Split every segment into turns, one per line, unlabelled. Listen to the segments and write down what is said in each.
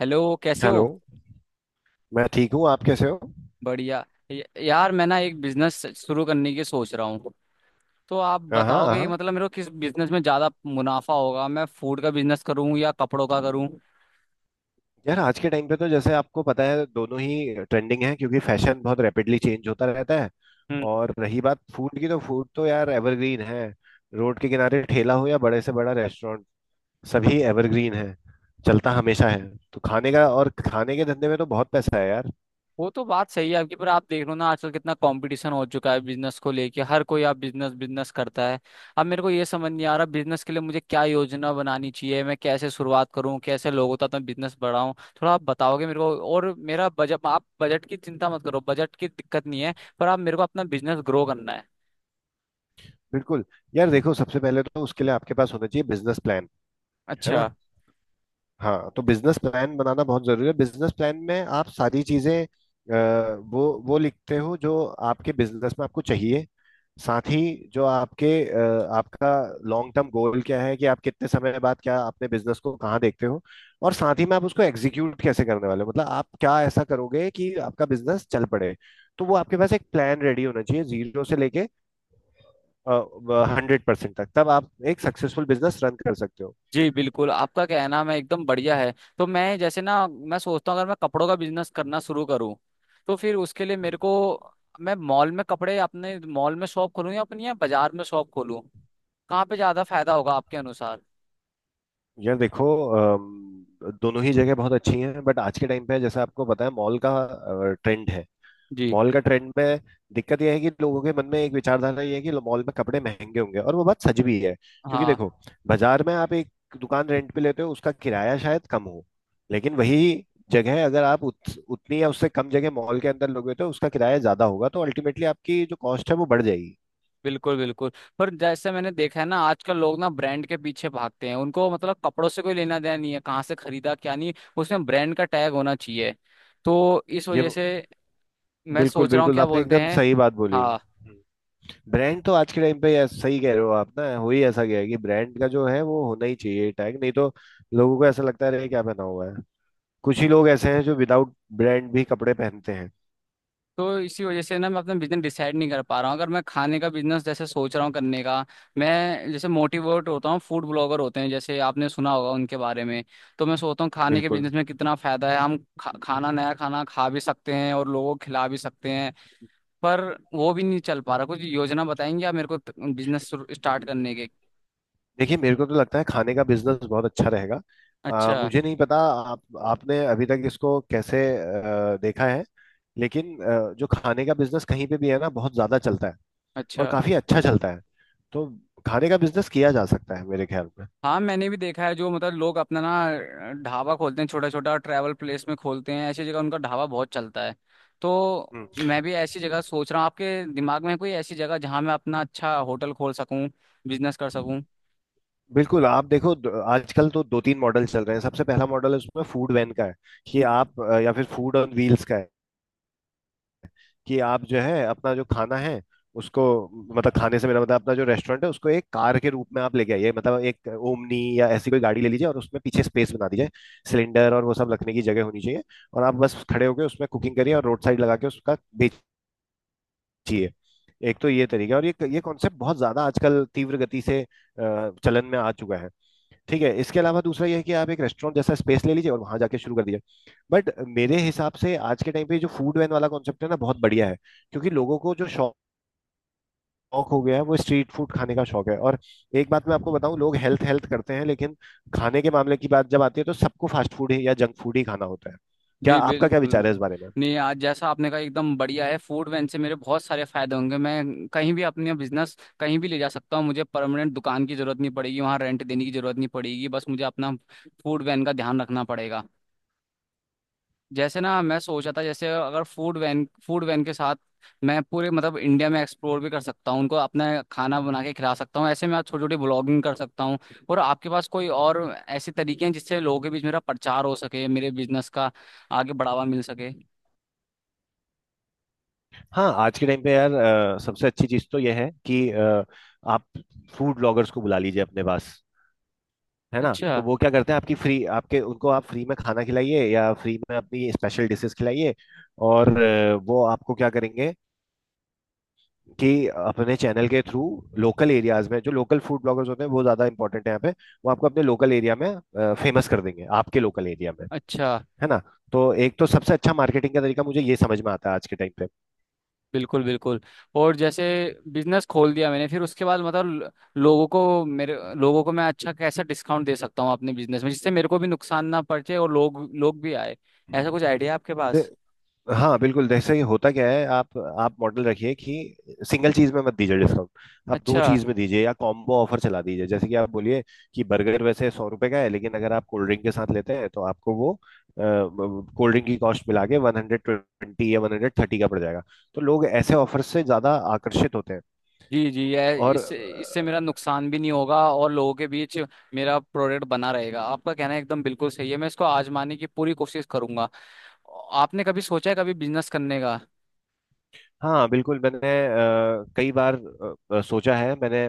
Hello, कैसे हो?
Hello. मैं ठीक हूँ। आप कैसे हो?
बढ़िया। यार मैं ना एक बिजनेस शुरू करने की सोच रहा हूँ। तो आप
हाँ,
बताओगे
हाँ।
मतलब मेरे को किस बिजनेस में ज्यादा मुनाफा होगा, मैं फूड का बिजनेस करूँ या कपड़ों का करूँ?
यार आज के टाइम पे तो जैसे आपको पता है दोनों ही ट्रेंडिंग है, क्योंकि फैशन बहुत रैपिडली चेंज होता रहता है। और रही बात फूड की, तो फूड तो यार एवरग्रीन है। रोड के किनारे ठेला हो या बड़े से बड़ा रेस्टोरेंट, सभी एवरग्रीन है। चलता हमेशा है। तो खाने का और खाने के धंधे में तो बहुत पैसा है यार।
वो तो बात सही है आपकी, पर आप देख लो ना आजकल कितना कंपटीशन हो चुका है बिजनेस को लेके, हर कोई आप बिजनेस बिजनेस करता है। अब मेरे को ये समझ नहीं आ रहा, बिजनेस के लिए मुझे क्या योजना बनानी चाहिए, मैं कैसे शुरुआत करूं, कैसे लोगों तक मैं बिजनेस बढ़ाऊं? थोड़ा आप बताओगे मेरे को, और मेरा बजट, आप बजट की चिंता मत करो, बजट की दिक्कत नहीं है। पर आप मेरे को अपना बिजनेस ग्रो करना है।
बिल्कुल। यार देखो सबसे पहले तो उसके लिए आपके पास होना चाहिए बिजनेस प्लान। है ना?
अच्छा।
हाँ, तो बिजनेस प्लान बनाना बहुत जरूरी है। बिजनेस प्लान में आप सारी चीजें वो लिखते हो जो आपके बिजनेस में आपको चाहिए। साथ ही जो आपके आपका लॉन्ग टर्म गोल क्या है, कि आप कितने समय बाद क्या अपने बिजनेस को कहाँ देखते हो। और साथ ही में आप उसको एग्जीक्यूट कैसे करने वाले हो, मतलब आप क्या ऐसा करोगे कि आपका बिजनेस चल पड़े। तो वो आपके पास एक प्लान रेडी होना चाहिए, जीरो से लेके 100% तक, तब आप एक सक्सेसफुल बिजनेस रन कर सकते हो।
जी बिल्कुल, आपका कहना मैं एकदम बढ़िया है। तो मैं जैसे ना मैं सोचता हूँ, अगर मैं कपड़ों का बिजनेस करना शुरू करूँ तो फिर उसके लिए मेरे को, मैं मॉल में कपड़े अपने मॉल में शॉप खोलूँ या अपनी या बाजार में शॉप खोलूँ, कहाँ पे ज़्यादा फायदा होगा आपके अनुसार?
यार देखो दोनों ही जगह बहुत अच्छी हैं, बट आज के टाइम पे जैसा आपको पता है मॉल का ट्रेंड है।
जी।
मॉल का ट्रेंड में दिक्कत यह है कि लोगों के मन में एक विचारधारा ये है कि मॉल में कपड़े महंगे होंगे, और वो बात सच भी है। क्योंकि
हाँ,
देखो, बाजार में आप एक दुकान रेंट पे लेते हो, उसका किराया शायद कम हो, लेकिन वही जगह अगर आप उतनी या उससे कम जगह मॉल के अंदर लोगे तो उसका किराया ज्यादा होगा, तो अल्टीमेटली आपकी जो कॉस्ट है वो बढ़ जाएगी।
बिल्कुल बिल्कुल। पर जैसे मैंने देखा है ना आजकल लोग ना ब्रांड के पीछे भागते हैं, उनको मतलब कपड़ों से कोई लेना देना नहीं है कहाँ से खरीदा क्या नहीं, उसमें ब्रांड का टैग होना चाहिए। तो इस
ये
वजह से मैं
बिल्कुल
सोच रहा हूँ,
बिल्कुल,
क्या
आपने
बोलते
एकदम
हैं।
सही बात बोली।
हाँ।
ब्रांड तो आज के टाइम पे यार सही कह रहे हो आप। ना हो ही ऐसा गया है कि ब्रांड का जो है वो होना ही चाहिए टैग, नहीं तो लोगों को ऐसा लगता रहे क्या पहना हुआ है। कुछ ही लोग ऐसे हैं जो विदाउट ब्रांड भी कपड़े पहनते हैं।
तो इसी वजह से ना मैं अपना बिजनेस डिसाइड नहीं कर पा रहा हूँ, अगर मैं खाने का बिजनेस जैसे सोच रहा हूँ करने का, मैं जैसे मोटिवेट होता हूँ फूड ब्लॉगर होते हैं जैसे आपने सुना होगा उनके बारे में। तो मैं सोचता हूँ खाने के
बिल्कुल।
बिजनेस में कितना फायदा है, हम खाना नया खाना खा भी सकते हैं और लोगों को खिला भी सकते हैं। पर वो भी नहीं चल पा रहा, कुछ योजना बताएंगे आप मेरे को बिजनेस स्टार्ट करने के?
देखिए मेरे को तो लगता है खाने का बिजनेस बहुत अच्छा रहेगा।
अच्छा।
मुझे नहीं पता आप आपने अभी तक इसको कैसे देखा है। लेकिन जो खाने का बिजनेस कहीं पे भी है ना, बहुत ज्यादा चलता है
अच्छा।
और काफी अच्छा चलता है। तो खाने का बिजनेस किया जा सकता है मेरे ख्याल में।
हाँ, मैंने भी देखा है जो मतलब लोग अपना ना ढाबा खोलते हैं, छोटा छोटा ट्रैवल प्लेस में खोलते हैं ऐसी जगह, उनका ढाबा बहुत चलता है। तो
हम्म।
मैं भी ऐसी जगह सोच रहा हूँ, आपके दिमाग में है कोई ऐसी जगह जहाँ मैं अपना अच्छा होटल खोल सकूँ, बिजनेस कर सकूँ?
बिल्कुल। आप देखो आजकल तो दो तीन मॉडल चल रहे हैं। सबसे पहला मॉडल है उसमें फूड वैन का है, कि आप या फिर फूड ऑन व्हील्स का है, कि आप जो है अपना जो खाना है उसको, मतलब खाने से मेरा मतलब अपना जो रेस्टोरेंट है उसको एक कार के रूप में आप लेके आइए, मतलब एक ओमनी या ऐसी कोई गाड़ी ले लीजिए और उसमें पीछे स्पेस बना दीजिए। सिलेंडर और वो सब रखने की जगह होनी चाहिए। और आप बस खड़े होकर उसमें कुकिंग करिए और रोड साइड लगा के उसका चाहिए। एक तो ये तरीका है, और ये कॉन्सेप्ट बहुत ज्यादा आजकल तीव्र गति से चलन में आ चुका है। ठीक है। इसके अलावा दूसरा यह है कि आप एक रेस्टोरेंट जैसा स्पेस ले लीजिए और वहां जाके शुरू कर दीजिए। बट मेरे हिसाब से आज के टाइम पे जो फूड वैन वाला कॉन्सेप्ट है ना, बहुत बढ़िया है। क्योंकि लोगों को जो शौक शौक हो गया है वो स्ट्रीट फूड खाने का शौक है। और एक बात मैं आपको बताऊं, लोग हेल्थ हेल्थ करते हैं लेकिन खाने के मामले की बात जब आती है तो सबको फास्ट फूड ही या जंक फूड ही खाना होता है। क्या
जी
आपका क्या
बिल्कुल।
विचार है इस बारे में?
नहीं, आज जैसा आपने कहा एकदम बढ़िया है, फूड वैन से मेरे बहुत सारे फायदे होंगे, मैं कहीं भी अपने बिजनेस कहीं भी ले जा सकता हूँ, मुझे परमानेंट दुकान की जरूरत नहीं पड़ेगी, वहाँ रेंट देने की जरूरत नहीं पड़ेगी, बस मुझे अपना फूड वैन का ध्यान रखना पड़ेगा। जैसे ना मैं सोचा था जैसे अगर फूड वैन, फूड वैन के साथ मैं पूरे मतलब इंडिया में एक्सप्लोर भी कर सकता हूँ, उनको अपना खाना बना के खिला सकता हूँ, ऐसे मैं छोटी छोटी ब्लॉगिंग कर सकता हूँ। और आपके पास कोई और ऐसे तरीके हैं जिससे लोगों के बीच मेरा प्रचार हो सके, मेरे बिजनेस का आगे बढ़ावा मिल सके?
हाँ आज के टाइम पे यार सबसे अच्छी चीज तो यह है कि आप फूड ब्लॉगर्स को बुला लीजिए अपने पास। है ना?
अच्छा।
तो वो क्या करते हैं, आपकी फ्री आपके उनको आप फ्री में खाना खिलाइए या फ्री में अपनी स्पेशल डिशेस खिलाइए। और वो आपको क्या करेंगे कि अपने चैनल के थ्रू लोकल एरियाज में जो लोकल फूड ब्लॉगर्स होते हैं, वो ज्यादा इंपॉर्टेंट है यहाँ पे। वो आपको अपने लोकल एरिया में फेमस कर देंगे, आपके लोकल एरिया में।
अच्छा।
है ना? तो एक तो सबसे अच्छा मार्केटिंग का तरीका मुझे ये समझ में आता है आज के टाइम
बिल्कुल बिल्कुल। और जैसे बिजनेस खोल दिया मैंने, फिर उसके बाद मतलब लोगों को मेरे, लोगों को मैं अच्छा कैसा डिस्काउंट दे सकता हूँ अपने बिजनेस में, जिससे मेरे को भी नुकसान ना पहुंचे और लोग लोग भी आए? ऐसा कुछ आइडिया आपके
पे।
पास?
हाँ, बिल्कुल। जैसे ही होता क्या है, आप मॉडल रखिए कि सिंगल चीज में मत दीजिए डिस्काउंट। आप दो
अच्छा।
चीज में दीजिए या कॉम्बो ऑफर चला दीजिए। जैसे कि आप बोलिए कि बर्गर वैसे 100 रुपए का है, लेकिन अगर आप कोल्ड ड्रिंक के साथ लेते हैं तो आपको वो कोल्ड ड्रिंक की कॉस्ट मिला के 120 या 130 का पड़ जाएगा। तो लोग ऐसे ऑफर से ज्यादा आकर्षित होते हैं।
जी जी, ये
और
इससे, इससे मेरा नुकसान भी नहीं होगा और लोगों के बीच मेरा प्रोडक्ट बना रहेगा, आपका कहना एकदम बिल्कुल सही है, मैं इसको आजमाने की पूरी कोशिश करूंगा। आपने कभी सोचा है कभी बिजनेस करने का?
हाँ बिल्कुल, मैंने कई बार सोचा है मैंने,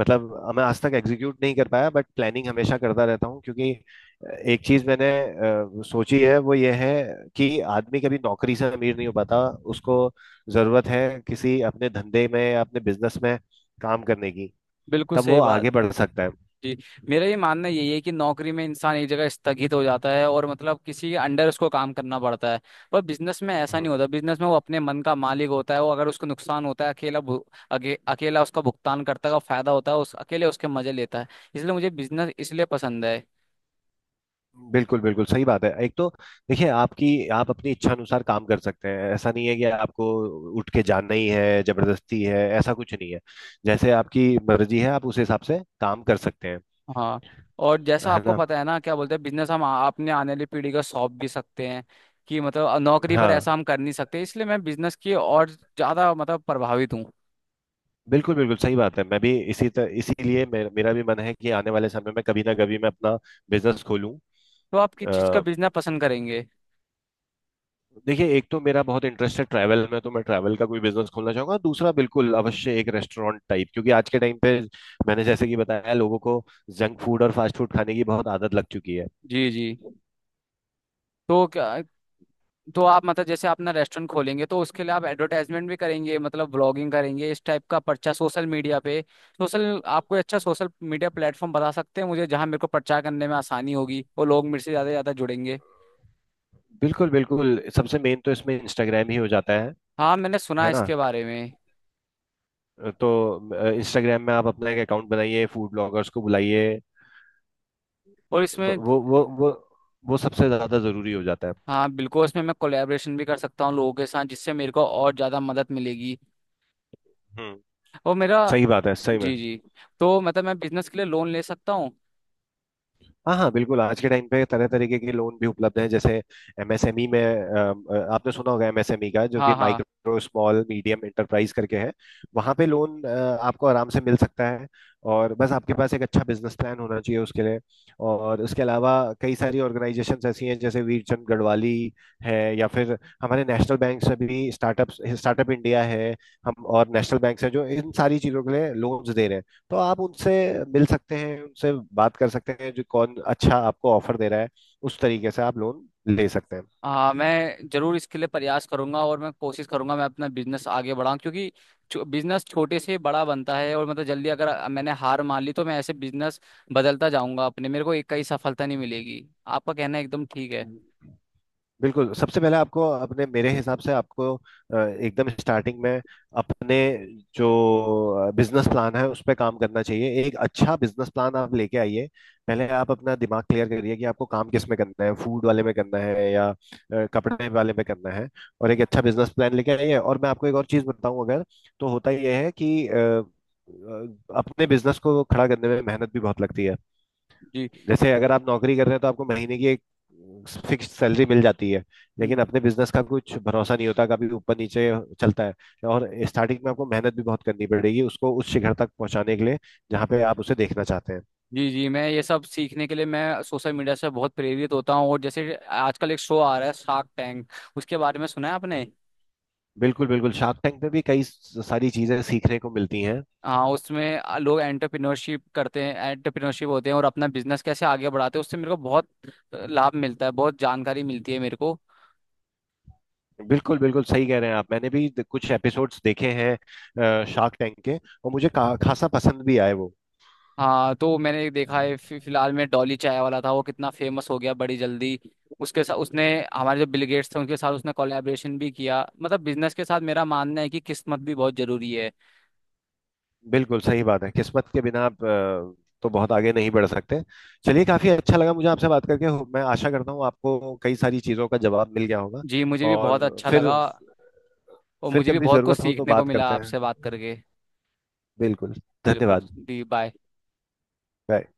मतलब मैं आज तक एग्जीक्यूट नहीं कर पाया बट प्लानिंग हमेशा करता रहता हूँ, क्योंकि एक चीज मैंने सोची है, वो ये है कि आदमी कभी नौकरी से अमीर नहीं हो पाता। उसको जरूरत है किसी अपने धंधे में, अपने बिजनेस में काम करने की।
बिल्कुल
तब वो
सही बात।
आगे बढ़ सकता है।
जी। मेरा ये मानना यही है कि नौकरी में इंसान एक जगह स्थगित हो जाता है और मतलब किसी के अंडर उसको काम करना पड़ता है। पर बिजनेस में ऐसा नहीं
हम्म,
होता, बिजनेस में वो अपने मन का मालिक होता है, वो अगर उसको नुकसान होता है अकेला अकेला उसका भुगतान करता है, और फायदा होता है उस अकेले उसके मजे लेता है। इसलिए मुझे बिजनेस इसलिए पसंद है।
बिल्कुल बिल्कुल सही बात है। एक तो देखिए आपकी, आप अपनी इच्छा अनुसार काम कर सकते हैं। ऐसा नहीं है कि आपको उठ के जाना ही है, जबरदस्ती है, ऐसा कुछ नहीं है। जैसे आपकी मर्जी है आप उस हिसाब से काम कर सकते हैं।
हाँ। और जैसा
है
आपको
ना?
पता है ना, क्या बोलते हैं, बिजनेस हम अपने आने वाली पीढ़ी को सौंप भी सकते हैं, कि मतलब नौकरी पर ऐसा
हाँ,
हम कर नहीं सकते, इसलिए मैं बिजनेस की और ज्यादा मतलब प्रभावित हूँ।
बिल्कुल बिल्कुल सही बात है। मैं भी इसी तरह, इसीलिए मेरा भी मन है कि आने वाले समय में कभी ना कभी मैं अपना बिजनेस खोलूं।
तो आप किस चीज का बिजनेस पसंद करेंगे?
देखिए एक तो मेरा बहुत इंटरेस्ट है ट्रैवल में, तो मैं ट्रैवल का कोई बिजनेस खोलना चाहूंगा। दूसरा बिल्कुल अवश्य एक रेस्टोरेंट टाइप, क्योंकि आज के टाइम पे मैंने जैसे कि बताया, लोगों को जंक फूड और फास्ट फूड खाने की बहुत आदत लग चुकी है।
जी जी। तो क्या, तो आप मतलब जैसे अपना रेस्टोरेंट खोलेंगे तो उसके लिए आप एडवर्टाइजमेंट भी करेंगे, मतलब ब्लॉगिंग करेंगे इस टाइप का, पर्चा सोशल मीडिया पे, सोशल, आप कोई अच्छा सोशल मीडिया प्लेटफॉर्म बता सकते हैं मुझे, जहाँ मेरे को प्रचार करने में आसानी होगी और लोग मेरे से ज्यादा जुड़ेंगे?
बिल्कुल बिल्कुल। सबसे मेन तो इसमें इंस्टाग्राम ही हो जाता है।
हाँ, मैंने सुना
है
है
ना?
इसके बारे में।
तो इंस्टाग्राम में आप अपना एक अकाउंट बनाइए, फूड ब्लॉगर्स को बुलाइए।
और
ब-
इसमें,
वो वो वो वो सबसे ज्यादा जरूरी हो जाता है।
हाँ बिल्कुल, इसमें मैं कोलैबोरेशन भी कर सकता हूँ लोगों के साथ, जिससे मेरे को और ज़्यादा मदद मिलेगी।
हम्म,
और मेरा,
सही बात है सही में।
जी जी। तो मतलब मैं बिजनेस के लिए लोन ले सकता हूँ?
हाँ हाँ बिल्कुल, आज के टाइम पे तरह तरीके के लोन भी उपलब्ध हैं, जैसे एमएसएमई में आपने सुना होगा एमएसएमई का, जो कि
हाँ हाँ।
माइक्रो स्मॉल मीडियम एंटरप्राइज करके है। वहाँ पे लोन आपको आराम से मिल सकता है। और बस आपके पास एक अच्छा बिजनेस प्लान होना चाहिए उसके लिए। और उसके अलावा कई सारी ऑर्गेनाइजेशंस ऐसी हैं, जैसे वीरचंद गढ़वाली है, या फिर हमारे नेशनल बैंक से भी स्टार्टअप स्टार्टअप इंडिया है। हम और नेशनल बैंक से जो इन सारी चीज़ों के लिए लोन्स दे रहे हैं। तो आप उनसे मिल सकते हैं, उनसे बात कर सकते हैं जो कौन अच्छा आपको ऑफर दे रहा है, उस तरीके से आप लोन ले सकते
हाँ मैं जरूर इसके लिए प्रयास करूंगा, और मैं कोशिश करूंगा मैं अपना बिजनेस आगे बढ़ाऊं, क्योंकि बिजनेस छोटे से बड़ा बनता है और मतलब जल्दी अगर मैंने हार मान ली तो मैं ऐसे बिजनेस बदलता जाऊंगा, अपने मेरे को एक कई सफलता नहीं मिलेगी, आपका कहना एकदम ठीक है।
हैं। बिल्कुल, सबसे पहले आपको अपने मेरे हिसाब से आपको एकदम स्टार्टिंग में अपने जो बिजनेस प्लान है उस पर काम करना चाहिए। एक अच्छा बिजनेस प्लान आप लेके आइए। पहले आप अपना दिमाग क्लियर करिए कि आपको काम किस में करना है, फूड वाले में करना है या कपड़े वाले में करना है। और एक अच्छा बिजनेस प्लान लेके आइए। और मैं आपको एक और चीज़ बताऊं, अगर तो होता यह है कि अपने बिजनेस को खड़ा करने में मेहनत भी बहुत लगती है। जैसे अगर आप नौकरी कर रहे हैं तो आपको महीने की एक फिक्स सैलरी मिल जाती है। लेकिन
जी
अपने बिजनेस का कुछ भरोसा नहीं होता, कभी ऊपर नीचे चलता है। और स्टार्टिंग में आपको मेहनत भी बहुत करनी पड़ेगी उसको उस शिखर तक पहुंचाने के लिए जहाँ पे आप उसे देखना चाहते हैं।
जी। जी, मैं ये सब सीखने के लिए मैं सोशल मीडिया से बहुत प्रेरित होता हूँ, और जैसे आजकल एक शो आ रहा है शार्क टैंक, उसके बारे में सुना है आपने?
बिल्कुल बिल्कुल। शार्क टैंक में भी कई सारी चीजें सीखने को मिलती हैं।
हाँ, उसमें लोग एंटरप्रेन्योरशिप करते हैं, एंटरप्रेन्योरशिप होते हैं, और अपना बिजनेस कैसे आगे बढ़ाते हैं, उससे मेरे को बहुत लाभ मिलता है, बहुत जानकारी मिलती है मेरे को।
बिल्कुल बिल्कुल सही कह रहे हैं आप। मैंने भी कुछ एपिसोड्स देखे हैं शार्क टैंक के, और मुझे खासा पसंद भी आए वो।
हाँ, तो मैंने एक देखा है फिलहाल में, डॉली चाय वाला था वो, कितना फेमस हो गया बड़ी जल्दी, उसके साथ उसने, हमारे जो बिल गेट्स थे उनके साथ उसने कोलैबोरेशन भी किया। मतलब बिजनेस के साथ मेरा मानना है कि किस्मत भी बहुत जरूरी है।
बिल्कुल सही बात है, किस्मत के बिना आप तो बहुत आगे नहीं बढ़ सकते। चलिए, काफी अच्छा लगा मुझे आपसे बात करके। मैं आशा करता हूँ आपको कई सारी चीजों का जवाब मिल गया होगा।
जी मुझे भी बहुत
और
अच्छा
फिर
लगा, और
फिर
मुझे भी
कभी
बहुत कुछ
जरूरत हो तो
सीखने को
बात
मिला
करते हैं।
आपसे बात करके।
बिल्कुल।
बिल्कुल।
धन्यवाद।
दी, बाय।
बाय।